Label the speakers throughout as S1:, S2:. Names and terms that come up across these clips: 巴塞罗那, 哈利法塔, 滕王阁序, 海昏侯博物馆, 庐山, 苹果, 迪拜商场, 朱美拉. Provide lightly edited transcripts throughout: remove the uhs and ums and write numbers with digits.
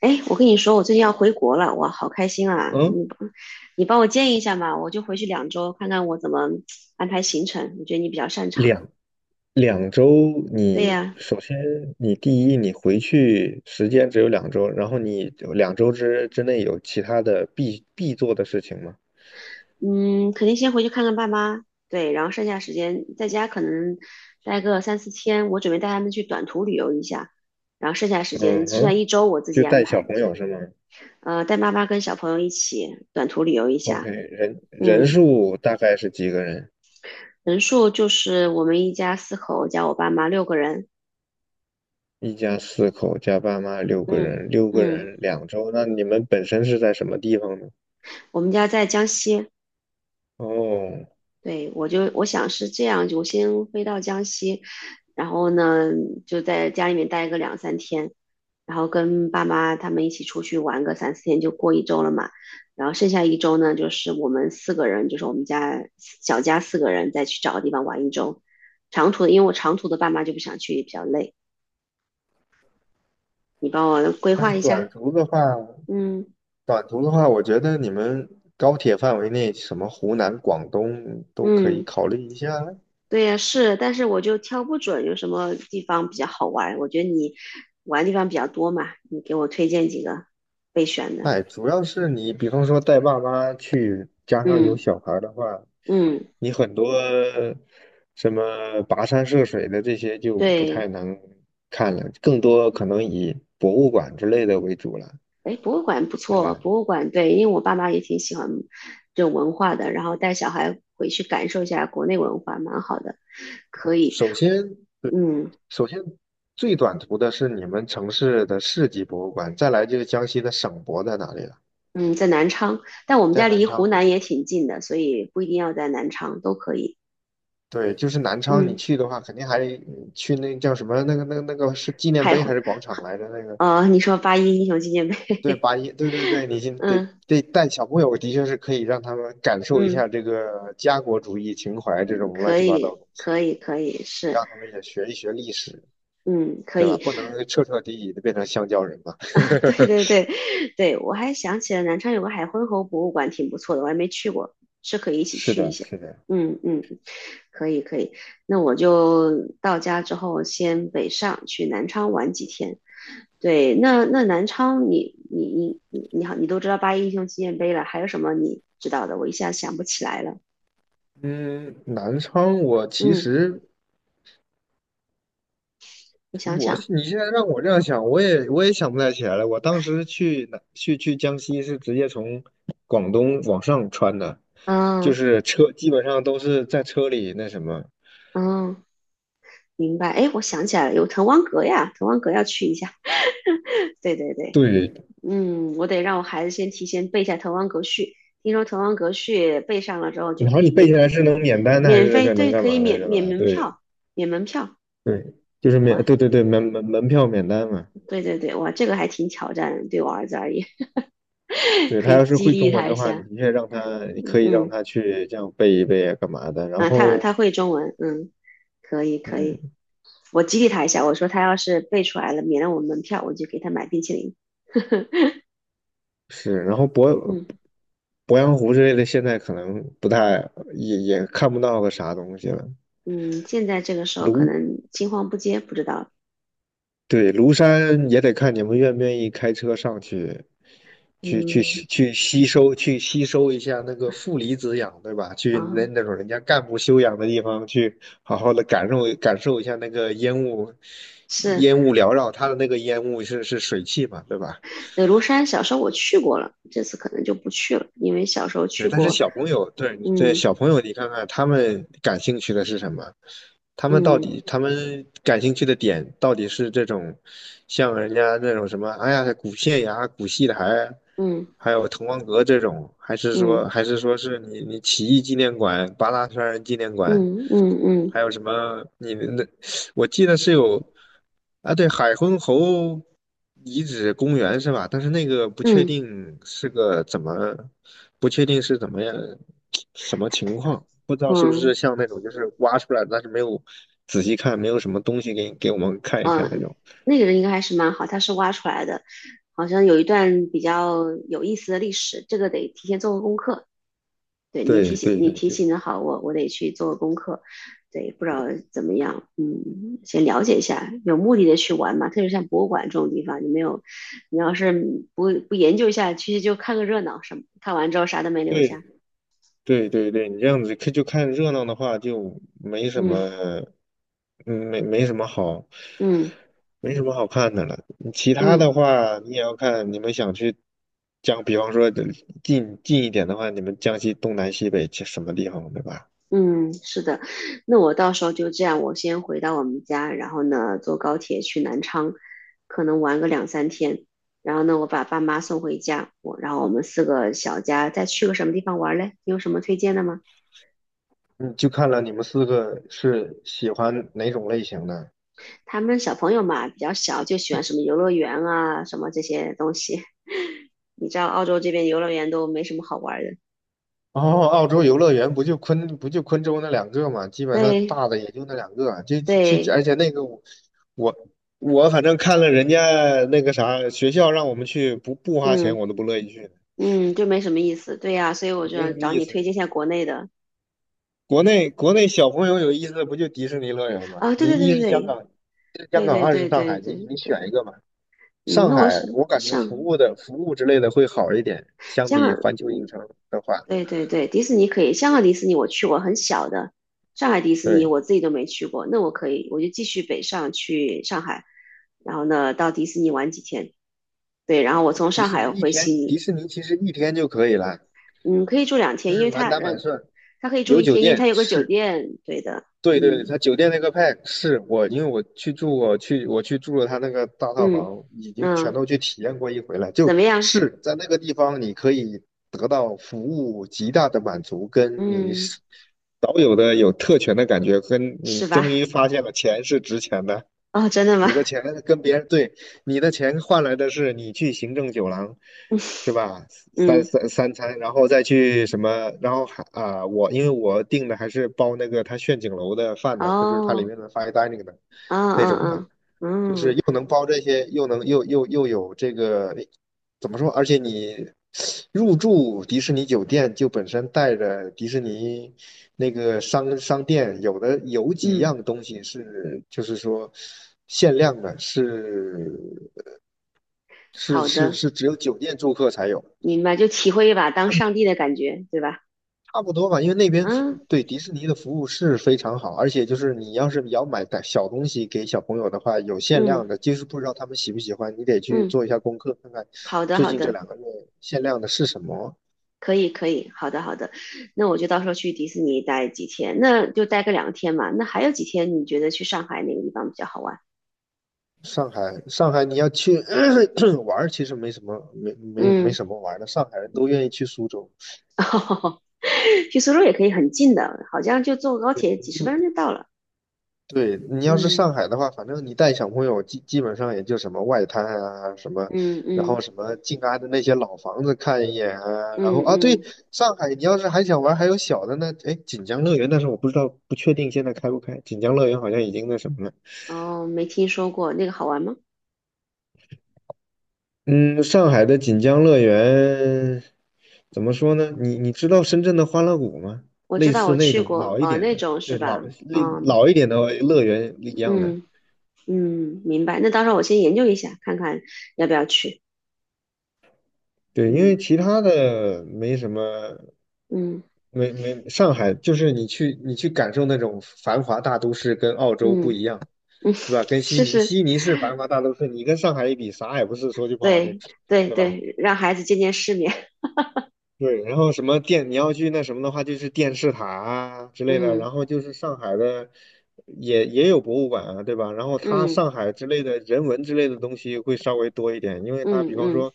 S1: 哎，我跟你说，我最近要回国了，哇，好开心啊！你
S2: 嗯，
S1: 你帮我建议一下嘛，我就回去2周，看看我怎么安排行程。我觉得你比较擅长。
S2: 两两周
S1: 对
S2: 你，
S1: 呀，
S2: 首先你第一，你回去时间只有两周，然后你两周之内有其他的必做的事情吗？
S1: 嗯，肯定先回去看看爸妈，对，然后剩下时间在家可能待个三四天，我准备带他们去短途旅游一下，然后剩下时间
S2: 嗯
S1: 剩下
S2: 哼，
S1: 一周我自己
S2: 就
S1: 安
S2: 带小
S1: 排一
S2: 朋
S1: 下，
S2: 友是吗
S1: 带妈妈跟小朋友一起短途旅游一
S2: ？OK，
S1: 下。
S2: 人人
S1: 嗯，
S2: 数大概是几个人？
S1: 人数就是我们一家四口加我爸妈6个人。
S2: 一家4口加爸妈六个
S1: 嗯
S2: 人，六个
S1: 嗯。
S2: 人两周，那你们本身是在什么地方呢？
S1: 我们家在江西，
S2: 哦，
S1: 对，我想是这样，我先飞到江西，然后呢就在家里面待个两三天，然后跟爸妈他们一起出去玩个三四天，就过一周了嘛。然后剩下一周呢，就是我们四个人，就是我们家小家四个人再去找个地方玩一周。长途的，因为我长途的爸妈就不想去，比较累。你帮我规
S2: 但
S1: 划
S2: 是
S1: 一
S2: 短
S1: 下。
S2: 途的话。
S1: 嗯
S2: 短途的话，我觉得你们高铁范围内，什么湖南、广东都可以
S1: 嗯。
S2: 考虑一下。
S1: 对呀，是，但是我就挑不准有什么地方比较好玩。我觉得你玩的地方比较多嘛，你给我推荐几个备选的。
S2: 哎，主要是你，比方说带爸妈去，加上有
S1: 嗯
S2: 小孩儿的话，
S1: 嗯，
S2: 你很多什么跋山涉水的这些就不太
S1: 对，
S2: 能看了，更多可能以博物馆之类的为主了，
S1: 哎，博物馆不
S2: 对吧？
S1: 错，博物馆对，因为我爸妈也挺喜欢这种文化的，然后带小孩回去感受一下国内文化，蛮好的。
S2: 首先，对，
S1: 嗯
S2: 首先最短途的是你们城市的市级博物馆，再来就是江西的省博在哪里了，
S1: 嗯，在南昌，但我们
S2: 在
S1: 家
S2: 南
S1: 离湖
S2: 昌。
S1: 南也挺近的，所以不一定要在南昌，都可以。
S2: 对，就是南昌，你
S1: 嗯，
S2: 去的话，肯定还去那叫什么那个是纪念
S1: 还
S2: 碑
S1: 湖，
S2: 还是广场来着？那个
S1: 你说八一英雄纪念碑，
S2: 对，八一对对对，你 先得
S1: 嗯
S2: 得带小朋友，的确是可以让他们感受一下
S1: 嗯。
S2: 这个家国主义情怀这种乱
S1: 可
S2: 七八糟的
S1: 以，
S2: 东西，
S1: 可以，可以，是，
S2: 让他们也学一学历史，
S1: 嗯，可
S2: 对吧？
S1: 以，
S2: 不能彻彻底底的变成香蕉人嘛。
S1: 对对对，对，我还想起了南昌有个海昏侯博物馆，挺不错的，我还没去过，是可以一起
S2: 是
S1: 去一
S2: 的，
S1: 下。
S2: 是的。
S1: 嗯嗯，可以可以，那我就到家之后先北上去南昌玩几天。对，那南昌你都知道八一英雄纪念碑了，还有什么你知道的？我一下想不起来了。
S2: 嗯，南昌我其
S1: 嗯，
S2: 实
S1: 我想
S2: 我
S1: 想，
S2: 你现在让我这样想，我也想不太起来了。我当时去哪去去江西是直接从广东往上穿的，就
S1: 嗯
S2: 是车基本上都是在车里那什么。
S1: 嗯。明白。哎，我想起来了，有滕王阁呀，滕王阁要去一下。对对对，
S2: 对，
S1: 嗯，我得让我孩子先提前背一下《滕王阁序》。听说《滕王阁序》背上了之后就
S2: 然后
S1: 可
S2: 你
S1: 以
S2: 背
S1: 免
S2: 下来是能免单的还
S1: 免
S2: 是
S1: 费，
S2: 个能
S1: 对，
S2: 干
S1: 可
S2: 嘛
S1: 以
S2: 来
S1: 免
S2: 着
S1: 免
S2: 吧？
S1: 门
S2: 对
S1: 票，免门票。
S2: 对，就是
S1: 哇，
S2: 免对对对门票免单嘛。
S1: 对对对，哇，这个还挺挑战的，对我儿子而言，
S2: 对
S1: 可
S2: 他要
S1: 以
S2: 是
S1: 激
S2: 会中
S1: 励
S2: 文
S1: 他
S2: 的
S1: 一
S2: 话，你
S1: 下。
S2: 的确你可以让
S1: 嗯，
S2: 他去这样背一背啊干嘛的。然
S1: 啊，他
S2: 后
S1: 他会中文，嗯，可以可以，
S2: 嗯，
S1: 我激励他一下，我说他要是背出来了，免了我门票，我就给他买冰淇淋。
S2: 是，然后鄱
S1: 嗯。
S2: 鄱阳湖之类的，现在可能不太也看不到个啥东西了。
S1: 嗯，现在这个时候可
S2: 庐，
S1: 能青黄不接，不知道。
S2: 对，庐山也得看你们愿不愿意开车上去，去去
S1: 嗯，
S2: 吸去吸收去吸收一下那个负离子氧，对吧？去那
S1: 啊，
S2: 那种人家干部休养的地方，去好好的感受感受一下那个烟雾，
S1: 是
S2: 烟雾缭绕，它的那个烟雾是水汽嘛，对吧？
S1: 庐山，小时候我去过了，这次可能就不去了，因为小时候去
S2: 对，但是
S1: 过。
S2: 小朋友，对对，
S1: 嗯
S2: 小朋友，你看看他们感兴趣的是什么？
S1: 嗯
S2: 他们感兴趣的点到底是这种，像人家那种什么，哎呀，古县衙、古戏台，
S1: 嗯
S2: 还有滕王阁这种，还是
S1: 嗯
S2: 说，还是说是你起义纪念馆、八大山人纪念馆，
S1: 嗯嗯嗯
S2: 还有什么？你们那，我记得是有，啊，对，海昏侯遗址公园是吧？但是那个不确
S1: 嗯
S2: 定是个怎么。不确定是怎么样什么情况，不知道是不是
S1: 嗯
S2: 像那种就是挖出来，但是没有仔细看，没有什么东西给我们看一看那
S1: 嗯，
S2: 种。
S1: 那个人应该还是蛮好，他是挖出来的，好像有一段比较有意思的历史，这个得提前做个功课。对你提
S2: 对
S1: 醒
S2: 对
S1: 你
S2: 对，
S1: 提
S2: 就
S1: 醒的好，我得去做功课。对，不知道怎么样，先了解一下，有目的的去玩嘛。特别像博物馆这种地方，你没有，你要是不研究一下，其实就看个热闹，什么看完之后啥都没留
S2: 对
S1: 下。
S2: 对对对对，你这样子看就看热闹的话，就没什
S1: 嗯
S2: 么，没什么好，
S1: 嗯
S2: 没什么好看的了。其他的
S1: 嗯。
S2: 话，你也要看你们想去江，比方说近一点的话，你们江西东南西北去什么地方，对吧？
S1: 嗯，是的，那我到时候就这样，我先回到我们家，然后呢，坐高铁去南昌，可能玩个两三天，然后呢，我把爸妈送回家，然后我们四个小家再去个什么地方玩嘞？你有什么推荐的吗？
S2: 嗯，就看了你们四个是喜欢哪种类型的。
S1: 他们小朋友嘛，比较小，就喜欢什么游乐园啊，什么这些东西。你知道澳洲这边游乐园都没什么好玩的，
S2: 哦，澳洲游乐园不就昆州那两个嘛，基本上
S1: 对
S2: 大的也就那两个啊。就就就
S1: 对，
S2: 而且那个我我反正看了人家那个啥学校让我们去，不花钱
S1: 嗯
S2: 我都不乐意去，
S1: 嗯，就没什么意思，对呀，所以我就
S2: 没
S1: 要
S2: 什么
S1: 找
S2: 意
S1: 你
S2: 思。
S1: 推荐一下国内的
S2: 国内小朋友有意思的不就迪士尼乐园吗？
S1: 啊，对对
S2: 你
S1: 对
S2: 一是香
S1: 对
S2: 港，一是香
S1: 对，
S2: 港，
S1: 对对
S2: 二是上
S1: 对
S2: 海，
S1: 对
S2: 你
S1: 对
S2: 你选
S1: 对，
S2: 一个嘛。
S1: 嗯，
S2: 上
S1: 那我是
S2: 海我感觉
S1: 上
S2: 服务之类的会好一点，相
S1: 香
S2: 比
S1: 港，
S2: 环球影城的话。
S1: 对对对，迪士尼可以，香港迪士尼我去过，很小的，上海迪士尼
S2: 对，
S1: 我自己都没去过，那我可以，我就继续北上去上海，然后呢到迪士尼玩几天，对，然后我从上海回悉
S2: 迪
S1: 尼，
S2: 士尼其实一天就可以了，
S1: 嗯，可以住两天，
S2: 就
S1: 因
S2: 是
S1: 为
S2: 满
S1: 它
S2: 打
S1: 呃，
S2: 满算，
S1: 它可以住
S2: 有
S1: 一
S2: 酒
S1: 天，因为它
S2: 店
S1: 有个酒
S2: 是，
S1: 店，对的，
S2: 对对对，
S1: 嗯
S2: 他酒店那个 pack 是我，因为我去住过，我去住了他那个大套
S1: 嗯
S2: 房，已经全
S1: 嗯，
S2: 都去体验过一回了，就
S1: 怎么样？
S2: 是在那个地方你可以得到服务极大的满足，跟你
S1: 嗯，
S2: 是少有的有特权的感觉，跟你
S1: 是
S2: 终
S1: 吧？
S2: 于发现了钱是值钱的。
S1: 哦，真的吗？
S2: 你的钱跟别人对，你的钱换来的是你去行政酒廊，是吧？三
S1: 嗯，
S2: 三三餐，然后再去什么，然后还啊、我因为我订的还是包那个他炫景楼的饭的，它就是它里
S1: 哦，
S2: 面的 fine dining 的
S1: 嗯
S2: 那种的，
S1: 嗯
S2: 就
S1: 嗯。
S2: 是
S1: 嗯
S2: 又能包这些，又能又又又有这个怎么说？而且你入住迪士尼酒店就本身带着迪士尼那个商店，有的有几
S1: 嗯，
S2: 样东西是就是说限量的，是是
S1: 好
S2: 是
S1: 的，
S2: 是只有酒店住客才有。
S1: 明白，就体会一把当上帝的感觉，对吧？
S2: 差不多吧，因为那边服
S1: 嗯
S2: 对迪士尼的服务是非常好，而且就是你要是要买的小东西给小朋友的话，有限量
S1: 嗯
S2: 的，就是不知道他们喜不喜欢，你得去
S1: 嗯，
S2: 做一下功课，看看
S1: 好的
S2: 最
S1: 好
S2: 近这
S1: 的，
S2: 2个月限量的是什么。
S1: 可以可以，好的好的，那我就到时候去迪士尼待几天，那就待个两天嘛。那还有几天你觉得去上海哪个地方比较好玩？
S2: 上海，上海你要去 玩儿，其实没什么，没
S1: 嗯，
S2: 什么玩儿的，上海人都愿意去苏州。
S1: 去苏州也可以很近的，好像就坐高
S2: 对，
S1: 铁几十分钟就到了。
S2: 对，你要是
S1: 嗯
S2: 上海的话，反正你带小朋友基本上也就什么外滩啊，什么，
S1: 嗯
S2: 然后
S1: 嗯
S2: 什么静安的那些老房子看一眼啊，然后
S1: 嗯
S2: 啊，对，
S1: 嗯，
S2: 上海你要是还想玩还有小的呢，哎，锦江乐园，但是我不知道不确定现在开不开，锦江乐园好像已经那什么了。
S1: 哦，没听说过那个好玩吗？
S2: 嗯，上海的锦江乐园怎么说呢？你知道深圳的欢乐谷吗？
S1: 我知
S2: 类
S1: 道
S2: 似
S1: 我
S2: 那
S1: 去
S2: 种
S1: 过，
S2: 老一点
S1: 那
S2: 的，
S1: 种是
S2: 对，
S1: 吧？
S2: 老类
S1: 嗯
S2: 老一点的乐园一样的。
S1: 嗯。嗯，明白。那到时候我先研究一下，看看要不要去。
S2: 对，因为
S1: 嗯
S2: 其他的没什么，
S1: 嗯
S2: 没没，上海就是你去感受那种繁华大都市，跟澳洲不
S1: 嗯
S2: 一样，
S1: 嗯，
S2: 对吧？跟 悉
S1: 试
S2: 尼，
S1: 试。
S2: 悉尼是繁华大都市，你跟上海一比，啥也不是，说句不好听，
S1: 对对
S2: 是吧？
S1: 对，让孩子见见世面。
S2: 对，然后什么电，你要去那什么的话，就是电视塔啊之类的，
S1: 嗯
S2: 然后就是上海的也有博物馆啊，对吧？然后它
S1: 嗯
S2: 上海之类的人文之类的东西会稍微多一点，因为它
S1: 嗯
S2: 比方
S1: 嗯
S2: 说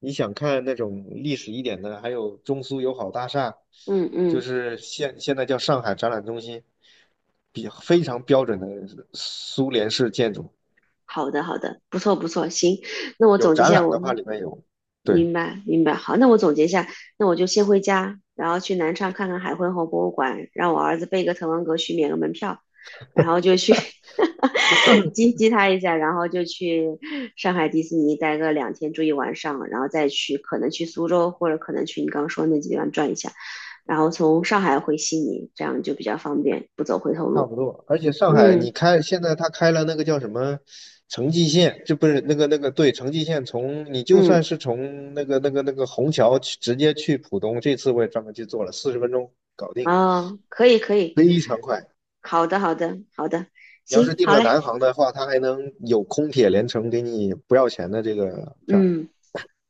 S2: 你想看那种历史一点的，还有中苏友好大厦，
S1: 嗯
S2: 就
S1: 嗯。
S2: 是现在叫上海展览中心，比非常标准的苏联式建筑，
S1: 好的，好的，不错，不错，行，那我
S2: 有
S1: 总结一
S2: 展
S1: 下，
S2: 览的
S1: 我
S2: 话里面有，对。
S1: 明白，明白，好，那我总结一下，那我就先回家，然后去南昌看看海昏侯博物馆，让我儿子背个滕王阁序，免个门票，然后就去 激激他一下，然后就去上海迪士尼待个两天，住一晚上，然后再去可能去苏州，或者可能去你刚刚说的那几个地方转一下，然后从上海回悉尼，这样就比较方便，不走回头
S2: 差
S1: 路。
S2: 不多，而且上海你
S1: 嗯
S2: 开现在他开了那个叫什么城际线，这不是那个对城际线从你就算
S1: 嗯。
S2: 是从那个虹桥去直接去浦东，这次我也专门去做了，40分钟搞定，
S1: 哦，可以可以，
S2: 非常快。
S1: 好的好的好的，
S2: 你要是
S1: 行，
S2: 订
S1: 好
S2: 了
S1: 嘞，
S2: 南航的话，他还能有空铁连程给你不要钱的这个票。
S1: 嗯，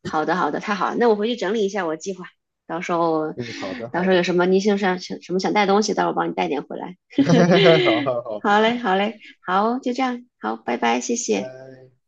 S1: 好的好的，太好了，那我回去整理一下我计划，到时候
S2: 嗯，好的
S1: 到
S2: 好
S1: 时候
S2: 的，
S1: 有什么你想什么想带东西，到时候我帮你带点回来。
S2: 好 好好好
S1: 好嘞
S2: 好，
S1: 好嘞，好，就这样，好，拜拜，谢谢。
S2: 拜。